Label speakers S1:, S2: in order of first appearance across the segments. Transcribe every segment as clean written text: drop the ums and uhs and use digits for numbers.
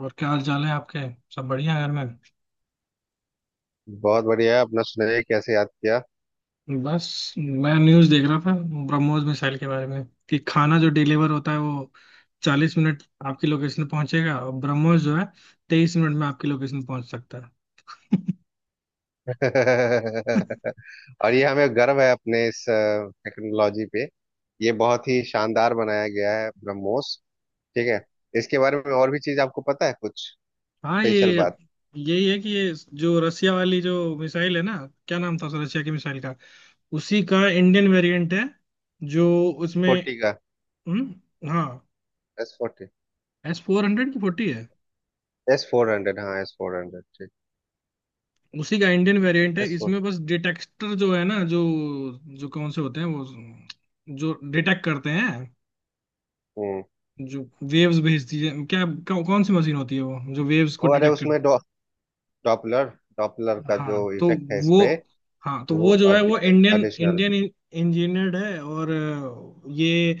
S1: और क्या हाल चाल है आपके। सब बढ़िया है घर में।
S2: बहुत बढ़िया। अपना सुनाइए, कैसे याद किया?
S1: बस मैं न्यूज़ देख रहा था ब्रह्मोस मिसाइल के बारे में। कि खाना जो डिलीवर होता है वो 40 मिनट आपकी लोकेशन पे पहुंचेगा और ब्रह्मोस जो है 23 मिनट में आपकी लोकेशन पहुंच सकता है।
S2: और ये हमें गर्व है अपने इस टेक्नोलॉजी पे। ये बहुत ही शानदार बनाया गया है ब्रह्मोस। ठीक है। इसके बारे में और भी चीज आपको पता है कुछ
S1: हाँ, ये
S2: स्पेशल बात?
S1: यही है कि ये जो रसिया वाली जो मिसाइल है ना, क्या नाम था उस रसिया की मिसाइल का। उसी का इंडियन वेरिएंट है। जो उसमें
S2: फोर्टी का।
S1: हम्म, हाँ।
S2: S forty.
S1: S four hundred की फोर्टी है।
S2: एस फोर हंड्रेड, हाँ एस फोर हंड्रेड, ठीक।
S1: उसी का इंडियन वेरिएंट है।
S2: S four.
S1: इसमें बस डिटेक्टर जो है ना, जो जो कौन से होते हैं वो जो डिटेक्ट करते हैं।
S2: हम्म
S1: जो वेव्स भेजती है, कौन सी मशीन होती है वो जो वेव्स को
S2: ओ अरे,
S1: डिटेक्ट कर।
S2: उसमें डॉ डॉपलर डॉपलर का जो
S1: हाँ तो
S2: इफेक्ट है इस
S1: वो
S2: पे,
S1: हाँ तो
S2: वो
S1: वो जो है वो इंडियन
S2: एडिशनल।
S1: इंडियन इंजीनियर्ड है। और ये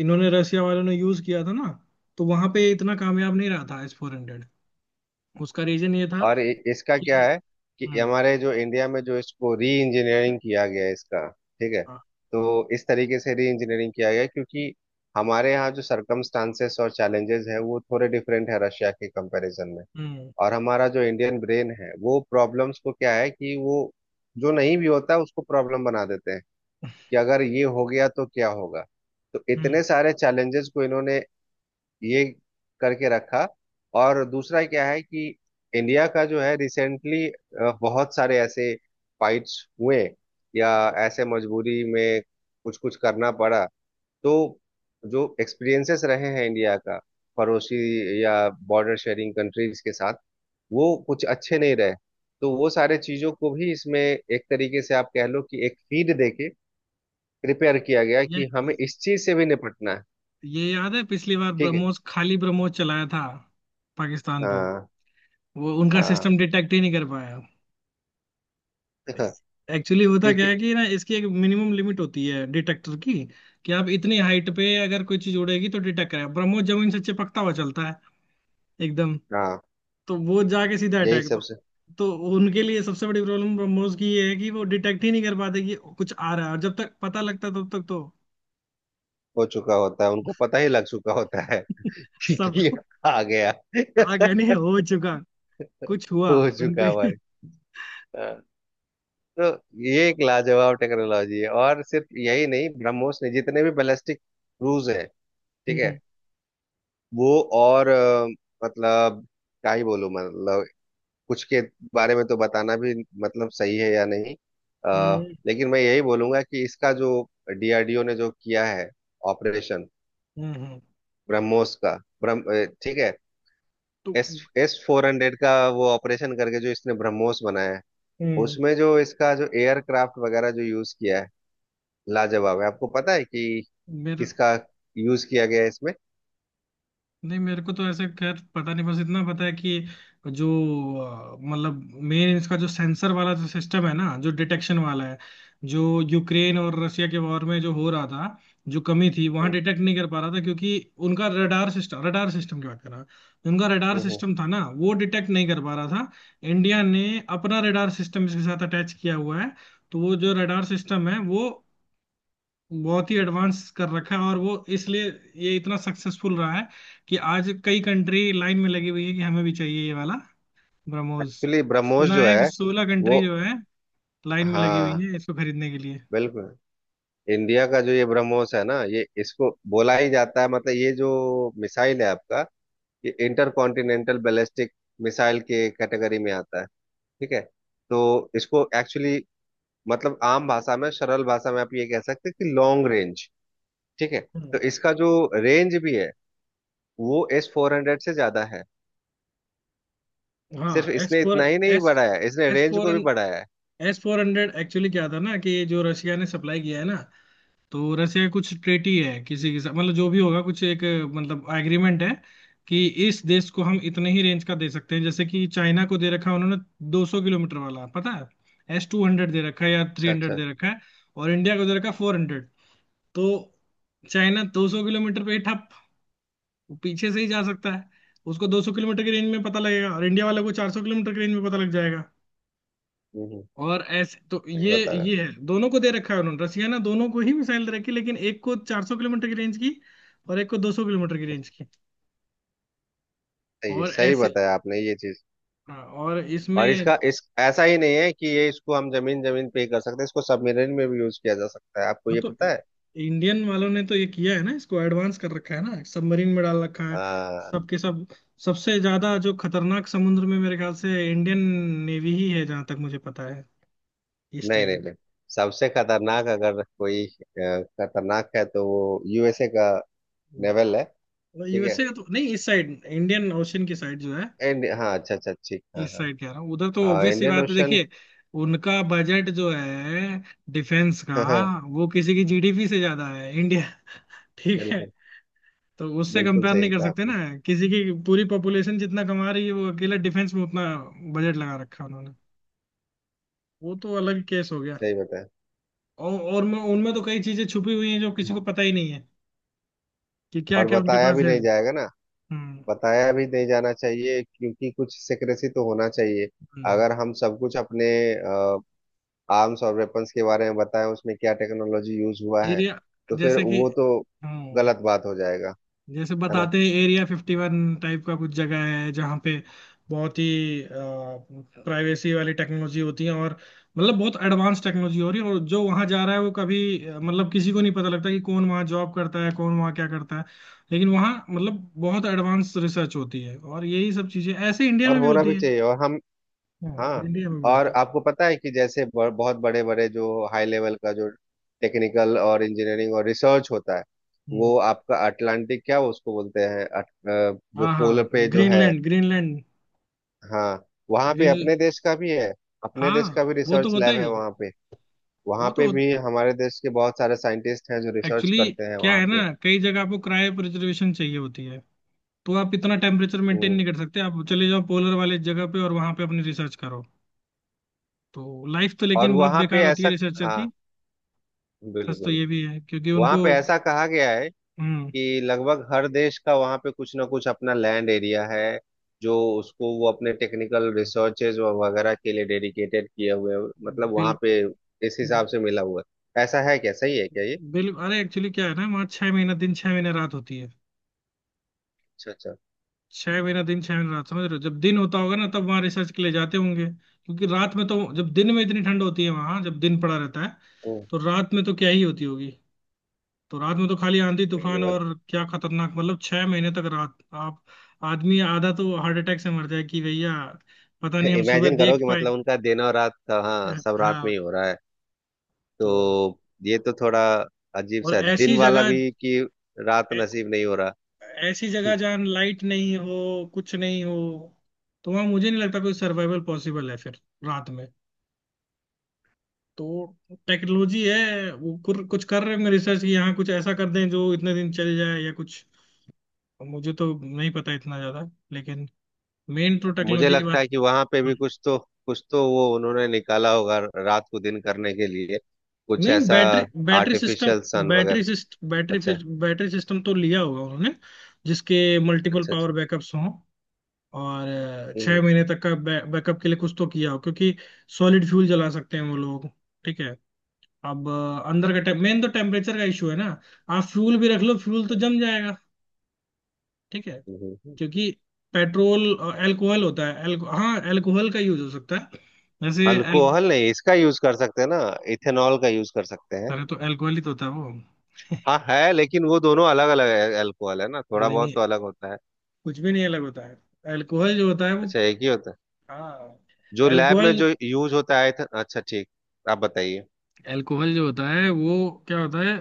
S1: इन्होंने रसिया वालों ने यूज किया था ना। तो वहां पे इतना कामयाब नहीं रहा था एस फोर हंड्रेड। उसका रीजन ये था
S2: और इसका क्या
S1: कि
S2: है कि
S1: हम्म
S2: हमारे जो इंडिया में जो इसको री इंजीनियरिंग किया गया है इसका, ठीक है।
S1: हाँ,
S2: तो इस तरीके से री इंजीनियरिंग किया गया है, क्योंकि हमारे यहाँ जो सरकमस्टांसेस और चैलेंजेस है वो थोड़े डिफरेंट है रशिया के कंपैरिजन में।
S1: हम्म
S2: और हमारा जो इंडियन ब्रेन है वो प्रॉब्लम्स को क्या है कि वो जो नहीं भी होता उसको प्रॉब्लम बना देते हैं कि अगर ये हो गया तो क्या होगा। तो
S1: हम्म,
S2: इतने सारे चैलेंजेस को इन्होंने ये करके रखा। और दूसरा क्या है कि इंडिया का जो है रिसेंटली बहुत सारे ऐसे फाइट्स हुए, या ऐसे मजबूरी में कुछ कुछ करना पड़ा। तो जो एक्सपीरियंसेस रहे हैं इंडिया का पड़ोसी या बॉर्डर शेयरिंग कंट्रीज के साथ, वो कुछ अच्छे नहीं रहे। तो वो सारे चीजों को भी इसमें एक तरीके से आप कह लो कि एक फीड देके प्रिपेयर किया गया
S1: ये
S2: कि हमें इस चीज से भी निपटना है।
S1: ये याद है पिछली बार
S2: ठीक है।
S1: ब्रह्मोस खाली ब्रह्मोस चलाया था पाकिस्तान पे।
S2: हाँ।
S1: वो उनका
S2: हाँ।
S1: सिस्टम डिटेक्ट ही नहीं कर पाया। एक्चुअली होता क्या
S2: क्योंकि,
S1: है कि ना इसकी एक मिनिमम लिमिट होती है डिटेक्टर की। कि आप इतनी हाइट पे अगर कोई चीज उड़ेगी तो डिटेक्ट करेगा। ब्रह्मोस जमीन से चिपकता हुआ चलता है एकदम।
S2: हाँ।
S1: तो वो जाके सीधा
S2: यही
S1: अटैक।
S2: सबसे।
S1: तो उनके लिए सबसे बड़ी प्रॉब्लम ब्रह्मोस की ये है कि वो डिटेक्ट ही नहीं कर पाते कि कुछ आ रहा है, और जब तक पता लगता है, तब तक तो
S2: हो चुका होता है, उनको पता ही लग चुका होता है। कि
S1: सबको।
S2: आ गया।
S1: आ गए नहीं, हो चुका कुछ हुआ
S2: हो
S1: उनको
S2: चुका भाई। हाँ। तो ये एक लाजवाब टेक्नोलॉजी है, और सिर्फ यही नहीं, ब्रह्मोस ने जितने भी बैलिस्टिक क्रूज हैं, ठीक है,
S1: हम्म
S2: वो और मतलब क्या ही बोलूं, मतलब कुछ के बारे में तो बताना भी मतलब सही है या नहीं।
S1: हम्म
S2: लेकिन मैं यही बोलूंगा कि इसका जो डीआरडीओ ने जो किया है ऑपरेशन
S1: हम्म हम्म
S2: ब्रह्मोस का, ठीक है।
S1: तो
S2: एस एस फोर हंड्रेड का वो ऑपरेशन करके जो इसने ब्रह्मोस बनाया है,
S1: हम्म,
S2: उसमें जो इसका जो एयरक्राफ्ट वगैरह जो यूज किया है, लाजवाब है। आपको पता है कि
S1: मेरे
S2: किसका यूज किया गया है इसमें?
S1: नहीं, मेरे को तो ऐसे खैर पता नहीं, बस इतना पता है कि जो मतलब मेन इसका जो सेंसर वाला जो सिस्टम है ना जो डिटेक्शन वाला है, जो यूक्रेन और रशिया के वॉर में जो हो रहा था, जो कमी थी वहां डिटेक्ट नहीं कर पा रहा था क्योंकि उनका रडार सिस्टम की बात कर रहा हूं। उनका रडार सिस्टम था ना वो डिटेक्ट नहीं कर पा रहा था। इंडिया ने अपना रडार सिस्टम इसके साथ अटैच किया हुआ है। तो वो जो रडार सिस्टम है वो बहुत ही एडवांस कर रखा है और वो इसलिए ये इतना सक्सेसफुल रहा है कि आज कई कंट्री लाइन में लगी हुई है कि हमें भी चाहिए ये वाला ब्रह्मोस।
S2: एक्चुअली ब्रह्मोस
S1: सुना
S2: जो
S1: है कि
S2: है
S1: 16
S2: वो,
S1: कंट्री जो है लाइन में लगी हुई
S2: हाँ,
S1: है इसको खरीदने के लिए।
S2: बिल्कुल। इंडिया का जो ये ब्रह्मोस है ना, ये इसको बोला ही जाता है, मतलब ये जो मिसाइल है आपका, ये इंटर कॉन्टिनेंटल बैलिस्टिक मिसाइल के कैटेगरी में आता है। ठीक है। तो इसको एक्चुअली मतलब आम भाषा में सरल भाषा में आप ये कह सकते हैं कि लॉन्ग रेंज, ठीक है।
S1: हम्म,
S2: तो इसका जो रेंज भी है वो एस फोर हंड्रेड से ज्यादा है। सिर्फ
S1: हाँ एस
S2: इसने
S1: फोर
S2: इतना ही नहीं
S1: एस
S2: बढ़ाया, इसने
S1: एस
S2: रेंज
S1: फोर
S2: को भी बढ़ाया है।
S1: एस फोर हंड्रेड एक्चुअली क्या था ना कि ये जो रशिया ने सप्लाई किया है ना, तो रसिया कुछ ट्रेटी है किसी के साथ, मतलब जो भी होगा कुछ एक मतलब एग्रीमेंट है कि इस देश को हम इतने ही रेंज का दे सकते हैं। जैसे कि चाइना को दे रखा है उन्होंने 200 किलोमीटर वाला, पता है एस टू हंड्रेड दे रखा है या थ्री
S2: अच्छा
S1: हंड्रेड
S2: अच्छा।
S1: दे रखा है। और इंडिया को दे रखा है फोर हंड्रेड। तो चाइना 200 किलोमीटर पे ही ठप, वो पीछे से ही जा सकता है। उसको 200 किलोमीटर की रेंज में पता लगेगा और इंडिया वाले को 400 किलोमीटर की रेंज में पता लग जाएगा।
S2: हम्म हम्म,
S1: और ऐसे तो
S2: सही बता रहा।
S1: ये है, दोनों को दे रखा है उन्होंने रसिया ना, दोनों को ही मिसाइल दे रखी है, लेकिन एक को 400 किलोमीटर की रेंज की और एक को 200 किलोमीटर की रेंज की।
S2: सही है,
S1: और
S2: सही
S1: ऐसे
S2: बताया आपने ये चीज।
S1: हाँ, और
S2: और
S1: इसमें
S2: इसका इस ऐसा ही नहीं है कि ये इसको हम जमीन जमीन पे ही कर सकते हैं, इसको सबमरीन में भी यूज किया जा सकता है, आपको
S1: हाँ,
S2: ये
S1: तो
S2: पता है?
S1: इंडियन वालों ने तो ये किया है ना, इसको एडवांस कर रखा है ना, सबमरीन में डाल रखा है
S2: आ,
S1: सबके सब। सबसे ज्यादा जो खतरनाक समुद्र में मेरे ख्याल से इंडियन नेवी ही है जहां तक मुझे पता है इस
S2: नहीं नहीं
S1: टाइम।
S2: नहीं। सबसे खतरनाक अगर कोई खतरनाक है तो वो यूएसए का नेवल है। ठीक है।
S1: यूएसए का तो नहीं, इस साइड इंडियन ओशन की साइड जो है,
S2: एंड हाँ, अच्छा अच्छा ठीक, हाँ
S1: इस
S2: हाँ।
S1: साइड कह रहा हूँ। उधर तो
S2: हाँ
S1: ऑब्वियस सी
S2: इंडियन
S1: बात है,
S2: ओशन।
S1: देखिए उनका बजट जो है डिफेंस का,
S2: हाँ हाँ।
S1: वो किसी की जीडीपी से ज्यादा है इंडिया। ठीक है।
S2: बिल्कुल।
S1: तो उससे
S2: बिल्कुल
S1: कंपेयर
S2: सही
S1: नहीं कर
S2: कहा
S1: सकते
S2: आपने।
S1: ना। किसी की पूरी पॉपुलेशन जितना कमा रही है, वो अकेला डिफेंस में उतना बजट लगा रखा है उन्होंने। वो तो अलग केस हो गया।
S2: सही बताया।
S1: और उनमें उनमें तो कई चीजें छुपी हुई हैं जो किसी को पता ही नहीं है कि क्या
S2: और
S1: क्या उनके
S2: बताया
S1: पास
S2: भी
S1: है।
S2: नहीं जाएगा ना।
S1: हम्म
S2: बताया भी नहीं जाना चाहिए, क्योंकि कुछ सिक्रेसी तो होना चाहिए। अगर हम सब कुछ अपने आर्म्स और वेपन्स के बारे में बताएं उसमें क्या टेक्नोलॉजी यूज हुआ है
S1: एरिया
S2: तो फिर
S1: जैसे कि
S2: वो तो
S1: हम्म।
S2: गलत बात हो जाएगा।
S1: जैसे
S2: है ना।
S1: बताते हैं एरिया फिफ्टी वन टाइप का कुछ जगह है जहाँ पे बहुत ही प्राइवेसी वाली टेक्नोलॉजी होती है, और मतलब बहुत एडवांस टेक्नोलॉजी हो रही है, और जो वहाँ जा रहा है वो कभी मतलब किसी को नहीं पता लगता कि कौन वहाँ जॉब करता है, कौन वहाँ क्या करता है। लेकिन वहाँ मतलब बहुत एडवांस रिसर्च होती है और यही सब चीजें ऐसे इंडिया
S2: और
S1: में भी
S2: होना
S1: होती
S2: भी
S1: है।
S2: चाहिए। और हम,
S1: हाँ
S2: हाँ।
S1: इंडिया में भी
S2: और
S1: होती है।
S2: आपको पता है कि जैसे बहुत बड़े बड़े जो हाई लेवल का जो टेक्निकल और इंजीनियरिंग और रिसर्च होता है,
S1: हम्म,
S2: वो आपका अटलांटिक क्या उसको बोलते हैं जो
S1: हाँ
S2: पोलर
S1: हाँ
S2: पे जो है।
S1: Greenland Greenland.
S2: हाँ। वहाँ पे
S1: ग्रीन
S2: अपने देश का भी है। अपने देश का
S1: हाँ
S2: भी
S1: वो तो
S2: रिसर्च
S1: होता
S2: लैब है
S1: ही है।
S2: वहाँ पे। वहाँ
S1: वो तो
S2: पे
S1: हो-
S2: भी हमारे देश के बहुत सारे साइंटिस्ट हैं जो रिसर्च
S1: एक्चुअली
S2: करते हैं
S1: क्या
S2: वहाँ
S1: है ना,
S2: पे।
S1: कई जगह आपको क्रायो प्रिजर्वेशन चाहिए होती है, तो आप इतना टेम्परेचर मेंटेन
S2: हम्म
S1: नहीं कर सकते। आप चले जाओ पोलर वाले जगह पे और वहां पे अपनी रिसर्च करो। तो लाइफ तो
S2: और
S1: लेकिन बहुत
S2: वहाँ पे
S1: बेकार होती है
S2: ऐसा,
S1: रिसर्चर
S2: हाँ,
S1: की। सच तो
S2: बिल्कुल।
S1: ये भी है क्योंकि
S2: वहाँ
S1: उनको
S2: पे ऐसा कहा गया है
S1: हम्म
S2: कि लगभग हर देश का वहाँ पे कुछ ना कुछ अपना लैंड एरिया है, जो उसको वो अपने टेक्निकल रिसर्चेज वगैरह के लिए डेडिकेटेड किए हुए हैं। मतलब वहाँ
S1: बिल
S2: पे इस हिसाब से मिला हुआ है। ऐसा है क्या? सही है क्या ये?
S1: बिल अरे एक्चुअली क्या है ना, वहाँ 6 महीना दिन 6 महीना रात होती है।
S2: अच्छा अच्छा।
S1: 6 महीना दिन छह महीना रात, समझ रहे हो, जब दिन होता होगा ना तब वहाँ रिसर्च के लिए जाते होंगे क्योंकि रात में तो, जब दिन में इतनी ठंड होती है वहाँ जब दिन पड़ा रहता है,
S2: ओ,
S1: तो रात में तो क्या ही होती होगी। तो रात में तो खाली आंधी तूफान
S2: ये मत।
S1: और क्या खतरनाक, मतलब 6 महीने तक रात। आप आदमी आधा तो हार्ट अटैक से मर जाए कि भैया, पता नहीं हम सुबह
S2: इमेजिन करो
S1: देख
S2: कि
S1: पाए।
S2: मतलब उनका दिन और रात का, हाँ, सब रात में
S1: हाँ
S2: ही हो रहा है।
S1: तो
S2: तो ये तो थोड़ा अजीब
S1: और
S2: सा है,
S1: ऐसी
S2: दिन वाला
S1: जगह
S2: भी कि रात
S1: ऐ-
S2: नसीब नहीं हो रहा।
S1: ऐसी जगह जहाँ लाइट नहीं हो, कुछ नहीं हो, तो वहाँ मुझे नहीं लगता कोई सर्वाइवल पॉसिबल है फिर रात में। तो टेक्नोलॉजी है वो कुछ कर रहे हैं रिसर्च कि यहाँ कुछ ऐसा कर दें जो इतने दिन चल जाए या कुछ, मुझे तो नहीं पता इतना ज्यादा, लेकिन मेन तो
S2: मुझे
S1: टेक्नोलॉजी की
S2: लगता
S1: बात।
S2: है कि वहां पे भी कुछ तो, कुछ तो वो उन्होंने निकाला होगा रात को दिन करने के लिए, कुछ
S1: नहीं
S2: ऐसा,
S1: बैटरी, बैटरी सिस्टम,
S2: आर्टिफिशियल सन वगैरह। अच्छा
S1: बैटरी सिस्टम तो लिया होगा उन्होंने जिसके मल्टीपल
S2: अच्छा।
S1: पावर
S2: अच्छा।
S1: बैकअप्स हों। और छह
S2: हम्म,
S1: महीने तक का बैकअप के लिए कुछ तो किया हो क्योंकि सॉलिड फ्यूल जला सकते हैं वो लोग। ठीक है। अब अ, अंदर का टेम मेन तो टेम्परेचर का इशू है ना। आप फ्यूल भी रख लो, फ्यूल तो जम जाएगा। ठीक है।
S2: हम्म।
S1: क्योंकि पेट्रोल और एल्कोहल होता है। हाँ एल्कोहल का यूज हो सकता है जैसे। एल
S2: अल्कोहल नहीं, इसका यूज कर सकते हैं ना। इथेनॉल का यूज कर सकते हैं।
S1: अरे तो एल्कोहल ही तो होता है वो।
S2: हाँ है, लेकिन वो दोनों अलग अलग है। अल्कोहल है ना
S1: नहीं
S2: थोड़ा बहुत
S1: नहीं,
S2: तो अलग होता है।
S1: कुछ भी नहीं अलग होता है। अल्कोहल जो होता है वो
S2: अच्छा, एक ही होता है
S1: हाँ।
S2: जो लैब में
S1: अल्कोहल,
S2: जो यूज होता है? अच्छा, ठीक। आप बताइए।
S1: अल्कोहल जो होता है वो क्या होता है,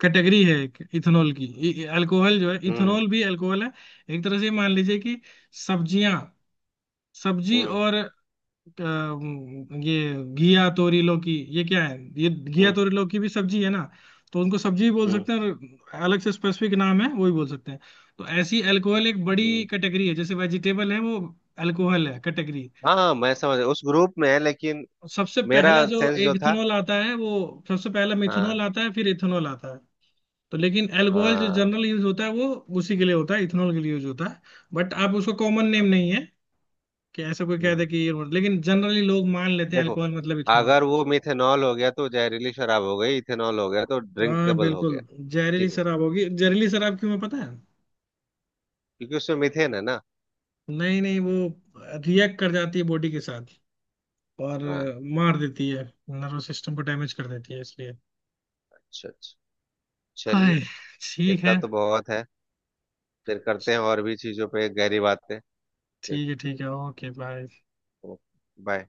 S1: कैटेगरी है इथेनॉल की। अल्कोहल जो है,
S2: हम्म
S1: इथेनॉल भी अल्कोहल है। एक तरह से मान लीजिए कि सब्जियां, सब्जी
S2: हम्म
S1: और ये घिया तोरी लौकी, ये क्या है, ये घिया
S2: हम्म
S1: तोरी लौकी भी सब्जी है ना, तो उनको सब्जी भी बोल
S2: हम्म
S1: सकते हैं और अलग से स्पेसिफिक नाम है वो भी बोल सकते हैं। तो ऐसी अल्कोहल एक बड़ी
S2: हम्म।
S1: कैटेगरी है, जैसे वेजिटेबल है वो। अल्कोहल है कैटेगरी।
S2: हाँ हाँ मैं समझ उस ग्रुप में है, लेकिन
S1: सबसे पहला
S2: मेरा
S1: जो
S2: सेंस
S1: एक
S2: जो था।
S1: इथेनॉल आता है वो, सबसे पहला
S2: हाँ
S1: मिथेनॉल आता है फिर इथेनॉल आता है। तो लेकिन अल्कोहल जो
S2: हाँ।
S1: जनरल यूज होता है वो उसी के लिए होता है, इथेनॉल के लिए यूज होता है। बट आप उसको कॉमन नेम
S2: हाँ,
S1: नहीं है कि ऐसा कोई कहता
S2: हम्म।
S1: है कि ये मतलब, लेकिन जनरली लोग मान लेते हैं
S2: देखो,
S1: अल्कोहल मतलब इथेनॉल।
S2: अगर वो मिथेनॉल हो गया तो जहरीली शराब हो गई, इथेनॉल हो गया तो
S1: हाँ
S2: ड्रिंकेबल हो
S1: बिल्कुल।
S2: गया।
S1: जहरीली
S2: ठीक है।
S1: शराब होगी, जहरीली शराब क्यों है पता है,
S2: क्योंकि उसमें मिथेन है ना।
S1: नहीं नहीं वो रिएक्ट कर जाती है बॉडी के साथ और
S2: हाँ।
S1: मार देती है। नर्वस सिस्टम को डैमेज कर देती है इसलिए।
S2: अच्छा अच्छा। चलिए।
S1: हाय, ठीक
S2: इतना
S1: है।
S2: तो बहुत है। फिर करते हैं और भी चीजों पे गहरी बातें। ठीक।
S1: ठीक है ठीक है, ओके बाय।
S2: Okay, bye.